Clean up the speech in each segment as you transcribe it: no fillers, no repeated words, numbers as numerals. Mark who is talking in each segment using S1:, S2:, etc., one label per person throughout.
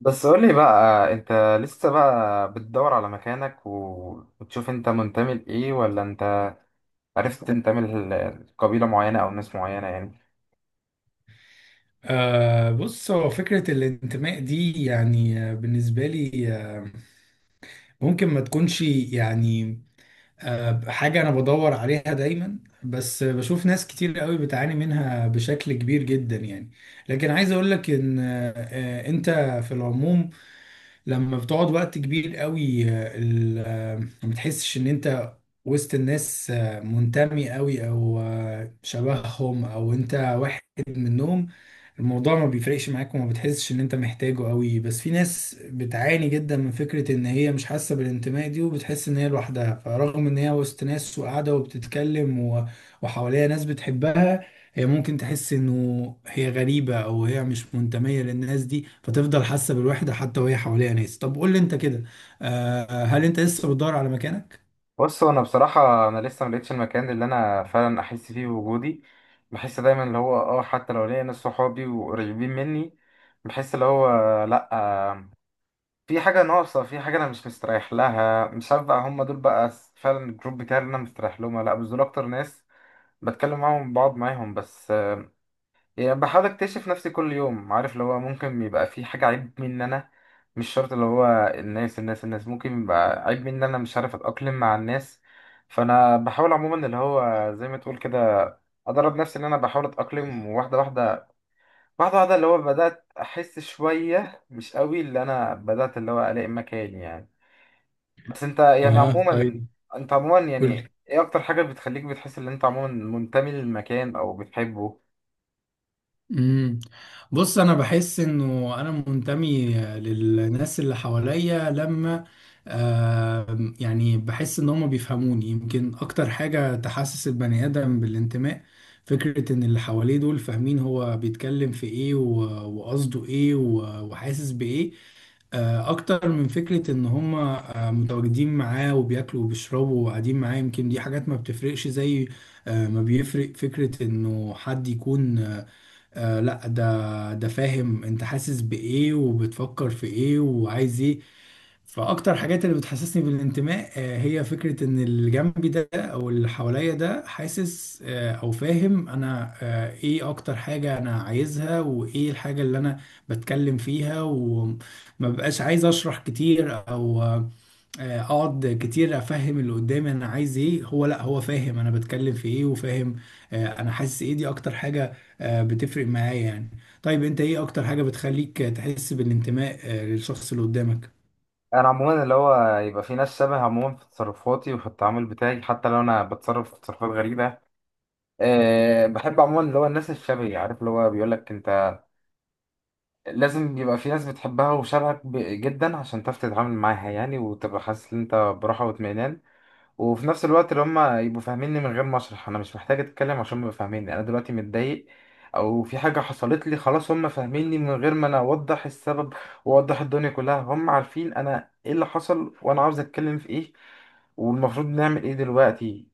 S1: بس قولي بقى انت لسه بقى بتدور على مكانك و- وتشوف انت منتمي لايه ولا انت عرفت تنتمي ل- لقبيلة معينة او ناس معينة يعني.
S2: بص هو فكرة الانتماء دي يعني بالنسبة لي ممكن ما تكونش يعني حاجة أنا بدور عليها دايما، بس بشوف ناس كتير قوي بتعاني منها بشكل كبير جدا يعني. لكن عايز أقولك إن أنت في العموم لما بتقعد وقت كبير قوي، ما بتحسش ان انت وسط الناس منتمي قوي او شبههم او انت واحد منهم. الموضوع ما بيفرقش معاك وما بتحسش ان انت محتاجه قوي، بس في ناس بتعاني جدا من فكرة ان هي مش حاسة بالانتماء دي وبتحس ان هي لوحدها، فرغم ان هي وسط ناس وقاعدة وبتتكلم وحواليها ناس بتحبها، هي ممكن تحس انه هي غريبة او هي مش منتمية للناس دي، فتفضل حاسة بالوحدة حتى وهي حواليها ناس. طب قول لي انت كده، هل انت لسه بتدور على مكانك؟
S1: بص، هو انا بصراحة انا لسه ملقتش المكان اللي انا فعلا احس فيه بوجودي. بحس دايما اللي هو اه، حتى لو ليا ناس صحابي وقريبين مني، بحس اللي هو لا في حاجة ناقصة، في حاجة انا مش مستريح لها. مش عارف بقى هم دول بقى فعلا الجروب بتاعي اللي انا مستريح لهم ولا لا، بس دول اكتر ناس بتكلم معاهم بقعد معاهم. بس يعني بحاول اكتشف نفسي كل يوم، عارف اللي هو ممكن يبقى في حاجة عيب مني انا، مش شرط اللي هو الناس. الناس ممكن يبقى عيب مني انا مش عارف اتأقلم مع الناس. فانا بحاول عموما اللي هو زي ما تقول كده ادرب نفسي ان انا بحاول اتأقلم واحدة واحدة، واحدة واحدة اللي هو بدأت احس شوية مش قوي اللي انا بدأت اللي هو الاقي مكاني يعني. بس انت يعني
S2: اه،
S1: عموما،
S2: طيب
S1: انت عموما
S2: قول لي.
S1: يعني ايه اكتر حاجة بتخليك بتحس ان انت عموما منتمي للمكان او بتحبه؟
S2: امم بص انا بحس انه انا منتمي للناس اللي حواليا لما يعني بحس ان هم بيفهموني. يمكن اكتر حاجة تحسس البني ادم بالانتماء فكرة ان اللي حواليه دول فاهمين هو بيتكلم في ايه وقصده ايه وحاسس بايه، اكتر من فكرة ان هم متواجدين معاه وبياكلوا وبيشربوا وقاعدين معاه. يمكن دي حاجات ما بتفرقش زي ما بيفرق فكرة انه حد يكون لا، ده فاهم انت حاسس بايه وبتفكر في ايه وعايز ايه. فاكتر حاجات اللي بتحسسني بالانتماء هي فكرة ان اللي جنبي ده او اللي حواليا ده حاسس او فاهم انا ايه اكتر حاجة انا عايزها، وايه الحاجة اللي انا بتكلم فيها وما بقاش عايز اشرح كتير او اقعد كتير افهم اللي قدامي انا عايز ايه. هو لا، هو فاهم انا بتكلم في ايه وفاهم انا حاسس ايه. دي اكتر حاجة بتفرق معايا يعني. طيب انت ايه اكتر حاجة بتخليك تحس بالانتماء للشخص اللي قدامك؟
S1: انا عموما اللي هو يبقى في ناس شبه عموما في تصرفاتي وفي التعامل بتاعي حتى لو انا بتصرف تصرفات غريبه. أه بحب عموما اللي هو الناس الشبهي، عارف اللي هو بيقول لك انت لازم يبقى في ناس بتحبها وشبهك جدا عشان تعرف تتعامل معاها يعني وتبقى حاسس ان انت براحه واطمئنان. وفي نفس الوقت اللي هما يبقوا فاهميني من غير ما اشرح، انا مش محتاج اتكلم عشان يبقوا فاهميني انا دلوقتي متضايق او في حاجه حصلت لي، خلاص هما فاهميني من غير ما انا اوضح السبب واوضح الدنيا كلها. هم عارفين انا ايه اللي حصل وانا عاوز اتكلم في ايه والمفروض نعمل ايه دلوقتي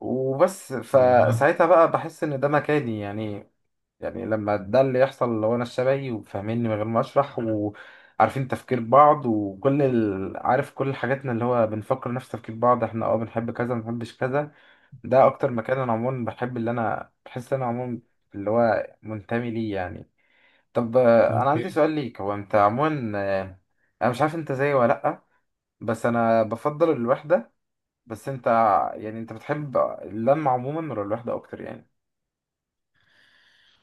S1: وبس.
S2: آه،
S1: فساعتها بقى بحس ان ده مكاني يعني. يعني لما ده اللي يحصل، لو انا الشبهي وفاهميني من غير ما اشرح وعارفين تفكير بعض وكل ال... عارف كل حاجاتنا، اللي هو بنفكر نفس تفكير بعض، احنا اه بنحب كذا، ما بنحبش كذا. ده اكتر مكان انا عموما بحب اللي انا بحس ان انا عموما اللي هو منتمي ليه يعني. طب انا عندي
S2: اوكي.
S1: سؤال ليك. هو انت عموما، آه، انا مش عارف انت زيي ولا لا، بس انا بفضل الوحدة. بس انت يعني، انت بتحب اللمة عموما ولا الوحدة اكتر يعني؟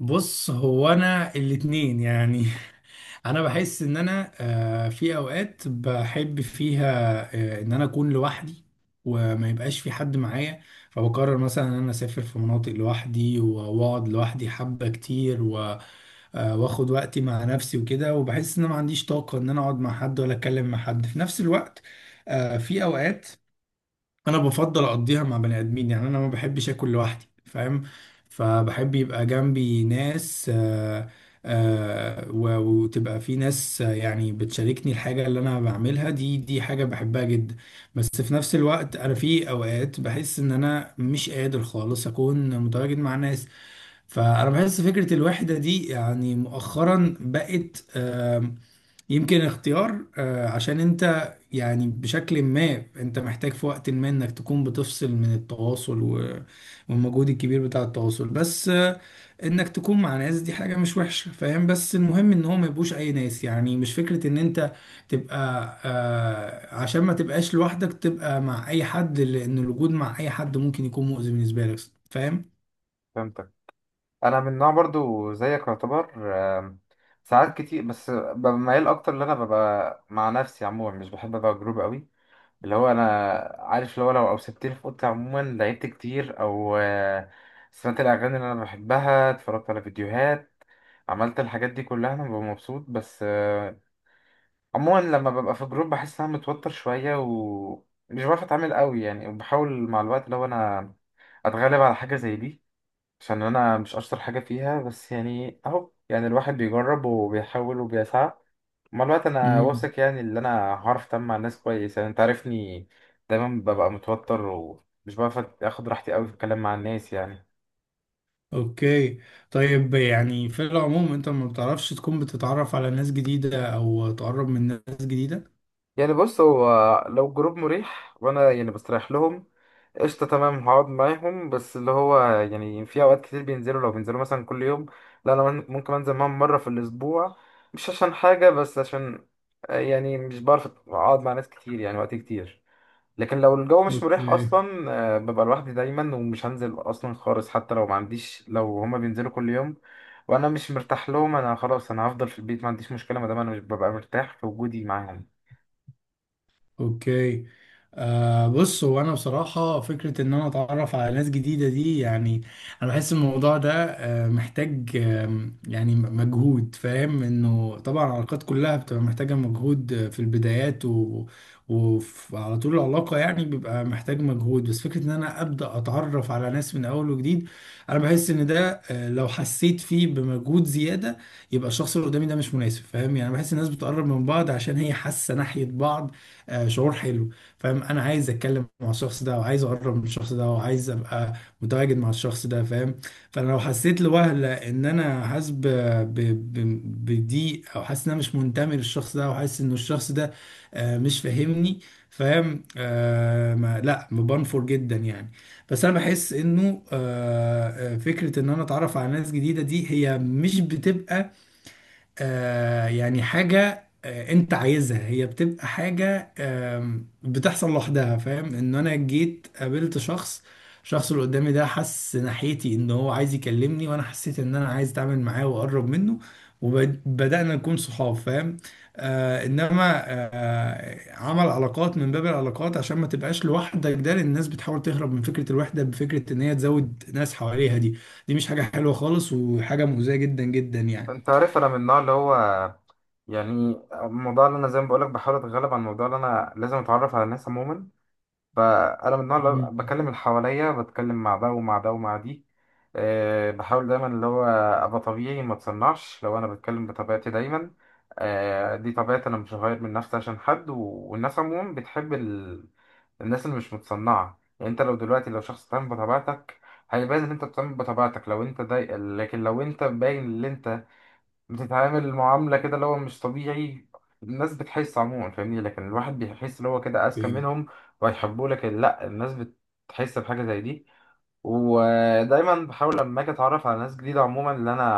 S2: بص هو انا الاتنين يعني انا بحس ان انا في اوقات بحب فيها ان انا اكون لوحدي وما يبقاش في حد معايا، فبقرر مثلا ان انا اسافر في مناطق لوحدي واقعد لوحدي حبة كتير واخد وقتي مع نفسي وكده. وبحس ان انا ما عنديش طاقة ان انا اقعد مع حد ولا اتكلم مع حد في نفس الوقت. في اوقات انا بفضل اقضيها مع بني ادمين، يعني انا ما بحبش اكل لوحدي، فاهم؟ فبحب يبقى جنبي ناس وتبقى في ناس يعني بتشاركني الحاجة اللي انا بعملها، دي حاجة بحبها جدا. بس في نفس الوقت انا في اوقات بحس ان انا مش قادر خالص اكون متواجد مع ناس. فانا بحس فكره الوحده دي يعني مؤخرا بقت يمكن اختيار، عشان انت يعني بشكل ما انت محتاج في وقت ما انك تكون بتفصل من التواصل والمجهود الكبير بتاع التواصل. بس انك تكون مع ناس دي حاجة مش وحشة، فاهم؟ بس المهم ان هو ما يبقوش اي ناس، يعني مش فكرة ان انت تبقى عشان ما تبقاش لوحدك تبقى مع اي حد، لان الوجود مع اي حد ممكن يكون مؤذي بالنسبة لك.
S1: فهمتك. انا من نوع برضو زيك يعتبر. آم، ساعات كتير بس ببقى ميال اكتر ان انا ببقى مع نفسي. عموما مش بحب ابقى جروب قوي. اللي هو انا عارف اللي هو لو اوسبتني في اوضتي عموما لعبت كتير او سمعت الاغاني اللي انا بحبها، اتفرجت على فيديوهات، عملت الحاجات دي كلها، انا ببقى مبسوط. بس عموما لما ببقى في جروب بحس ان انا متوتر شويه ومش بعرف اتعامل قوي يعني. وبحاول مع الوقت لو انا اتغلب على حاجه زي دي عشان انا مش اشطر حاجه فيها. بس يعني اهو، يعني الواحد بيجرب وبيحاول وبيسعى. مع الوقت انا
S2: فاهم؟
S1: واثق يعني ان انا هعرف اتعامل مع الناس كويس يعني. انت عارفني دايما ببقى متوتر ومش بعرف اخد راحتي قوي في الكلام مع الناس يعني.
S2: اوكي. طيب يعني في العموم انت ما بتعرفش تكون بتتعرف على ناس جديدة او تقرب من ناس جديدة.
S1: يعني بص، هو لو جروب مريح وانا يعني بستريح لهم، قشطة تمام هقعد معاهم. بس اللي هو يعني في أوقات كتير بينزلوا، لو بينزلوا مثلا كل يوم، لا أنا ممكن أنزل معاهم مرة في الأسبوع. مش عشان حاجة، بس عشان يعني مش بعرف أقعد مع ناس كتير يعني وقت كتير. لكن لو الجو مش مريح
S2: اوكي.
S1: أصلا ببقى لوحدي دايما ومش هنزل أصلا خالص. حتى لو ما عنديش، لو هما بينزلوا كل يوم وأنا مش مرتاح لهم، أنا خلاص أنا هفضل في البيت، ما عنديش مشكلة ما دام أنا مش ببقى مرتاح في وجودي معاهم.
S2: اوكي. بص هو انا بصراحه فكره ان انا اتعرف على ناس جديده دي يعني انا بحس الموضوع ده محتاج يعني مجهود، فاهم؟ انه طبعا العلاقات كلها بتبقى محتاجه مجهود في البدايات وعلى طول العلاقه يعني بيبقى محتاج مجهود. بس فكره ان انا ابدا اتعرف على ناس من اول وجديد انا بحس ان ده لو حسيت فيه بمجهود زياده يبقى الشخص اللي قدامي ده مش مناسب. فاهم؟ يعني بحس الناس بتقرب من بعض عشان هي حاسه ناحيه بعض شعور حلو. فاهم؟ انا عايز اتكلم مع الشخص ده وعايز اقرب من الشخص ده وعايز ابقى متواجد مع الشخص ده. فاهم؟ فانا لو حسيت لوهلة ان انا حاسس بضيق، او حاسس ان انا مش منتمي للشخص ده وحاسس ان الشخص ده مش فاهمني. فاهم؟ ما لا، بنفر جدا يعني. بس انا بحس انه فكره ان انا اتعرف على ناس جديده دي هي مش بتبقى يعني حاجة انت عايزها، هي بتبقى حاجة بتحصل لوحدها، فاهم؟ ان انا جيت قابلت شخص، الشخص اللي قدامي ده حس ناحيتي ان هو عايز يكلمني، وانا حسيت ان انا عايز اتعامل معاه واقرب منه، وبدأنا نكون صحاب. فاهم؟ انما عمل علاقات من باب العلاقات عشان ما تبقاش لوحدك ده، لان الناس بتحاول تهرب من فكرة الوحدة بفكرة ان هي تزود ناس حواليها دي، دي مش حاجة حلوة خالص وحاجة مؤذية جدا جدا يعني.
S1: أنت عارف أنا من النوع اللي هو يعني، الموضوع اللي انا زي ما بقولك بحاول اتغلب على الموضوع اللي انا لازم اتعرف على الناس عموما، فانا من النوع اللي
S2: مم.
S1: بكلم اللي حواليا، بتكلم مع ده ومع ده ومع دي. أه بحاول دايما اللي هو ابقى طبيعي، ما اتصنعش. لو انا بتكلم بطبيعتي دايما، أه دي طبيعتي، انا مش هغير من نفسي عشان حد. و... والناس عموما بتحب ال... الناس اللي مش متصنعه. يعني انت لو دلوقتي لو شخص بتعمل بطبيعتك هيبان ان انت بتعمل بطبيعتك، لو انت ضايق. لكن لو انت باين اللي انت بتتعامل معاملة كده اللي هو مش طبيعي، الناس بتحس عموما، فاهمني. لكن الواحد بيحس اللي هو كده أذكى
S2: مم.
S1: منهم وهيحبوه، لكن لأ، الناس بتحس بحاجة زي دي. ودايما بحاول لما أجي أتعرف على ناس جديدة عموما، اللي أنا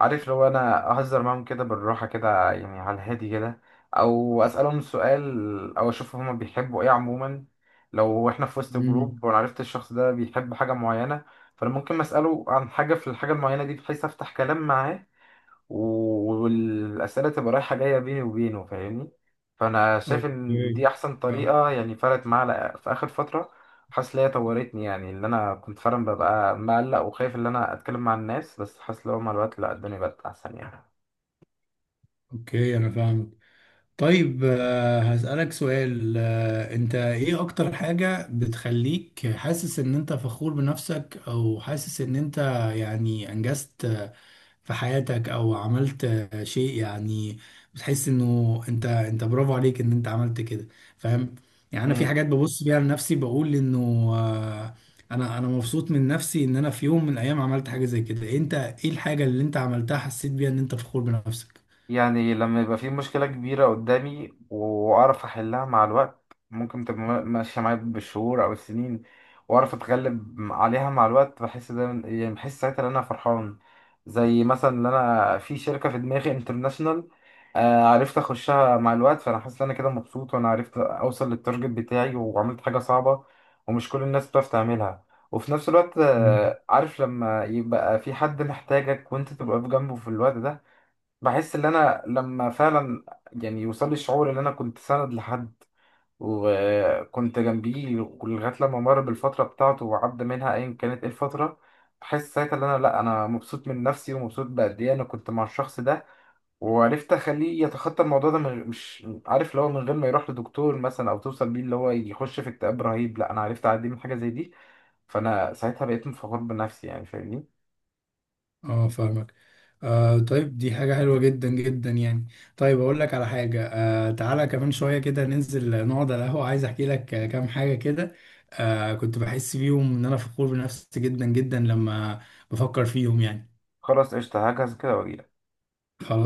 S1: عارف اللي هو أنا أهزر معاهم كده بالراحة كده يعني، على الهادي كده، أو أسألهم سؤال، أو أشوف هما بيحبوا إيه عموما. لو إحنا في وسط
S2: مم.
S1: جروب وأنا عرفت الشخص ده بيحب حاجة معينة، فأنا ممكن أسأله عن حاجة في الحاجة المعينة دي بحيث أفتح كلام معاه و- والأسئلة تبقى رايحة جاية بيني وبينه، فاهمني. فأنا شايف إن
S2: اوكي.
S1: دي أحسن
S2: فا-
S1: طريقة يعني. فرقت معايا في آخر فترة، حاسس إن هي طورتني يعني. اللي أنا كنت فعلا ببقى مقلق وخايف إن أنا أتكلم مع الناس، بس حاسس لو مع الوقت لأ، الدنيا بقت أحسن يعني.
S2: اوكي انا فاهم. طيب هسألك سؤال، انت ايه اكتر حاجة بتخليك حاسس ان انت فخور بنفسك، او حاسس ان انت يعني انجزت في حياتك، او عملت شيء يعني بتحس انه انت برافو عليك ان انت عملت كده. فاهم؟ يعني انا في حاجات ببص بيها لنفسي بقول انه آه، انا مبسوط من نفسي ان انا في يوم من الايام عملت حاجة زي كده. انت ايه الحاجة اللي انت عملتها حسيت بيها ان انت فخور
S1: يعني لما يبقى في مشكلة كبيرة قدامي وأعرف أحلها مع الوقت، ممكن تبقى ماشية معايا بالشهور أو السنين وأعرف أتغلب عليها مع الوقت، بحس ده يعني، بحس ساعتها إن أنا فرحان. زي مثلا إن أنا في شركة في دماغي انترناشونال عرفت أخشها مع الوقت، فأنا حاسس إن أنا كده مبسوط وأنا عرفت أوصل للتارجت بتاعي وعملت حاجة صعبة ومش كل الناس بتعرف تعملها. وفي نفس الوقت
S2: بنفسك؟
S1: عارف لما يبقى في حد محتاجك وأنت تبقى في جنبه في الوقت ده، بحس ان انا لما فعلا يعني يوصل لي الشعور ان انا كنت سند لحد وكنت جنبيه لغايه لما مر بالفتره بتاعته وعدى منها ايا كانت ايه الفتره، بحس ساعتها ان انا لا، انا مبسوط من نفسي ومبسوط بقد ايه انا كنت مع الشخص ده وعرفت اخليه يتخطى الموضوع ده من مش عارف اللي هو من غير ما يروح لدكتور مثلا او توصل بيه اللي هو يخش في اكتئاب رهيب. لا انا عرفت اعدي من حاجه زي دي، فانا ساعتها بقيت مفخور بنفسي يعني، فاهمني.
S2: اه، فاهمك. طيب دي حاجة حلوة جدا جدا يعني. طيب أقول لك على حاجة، تعالى كمان شوية كده ننزل نقعد على القهوة، عايز أحكي لك كام حاجة كده كنت بحس بيهم إن أنا فخور بنفسي جدا جدا لما بفكر فيهم يعني.
S1: خلاص قشطه، هجهز كده واجي.
S2: خلاص.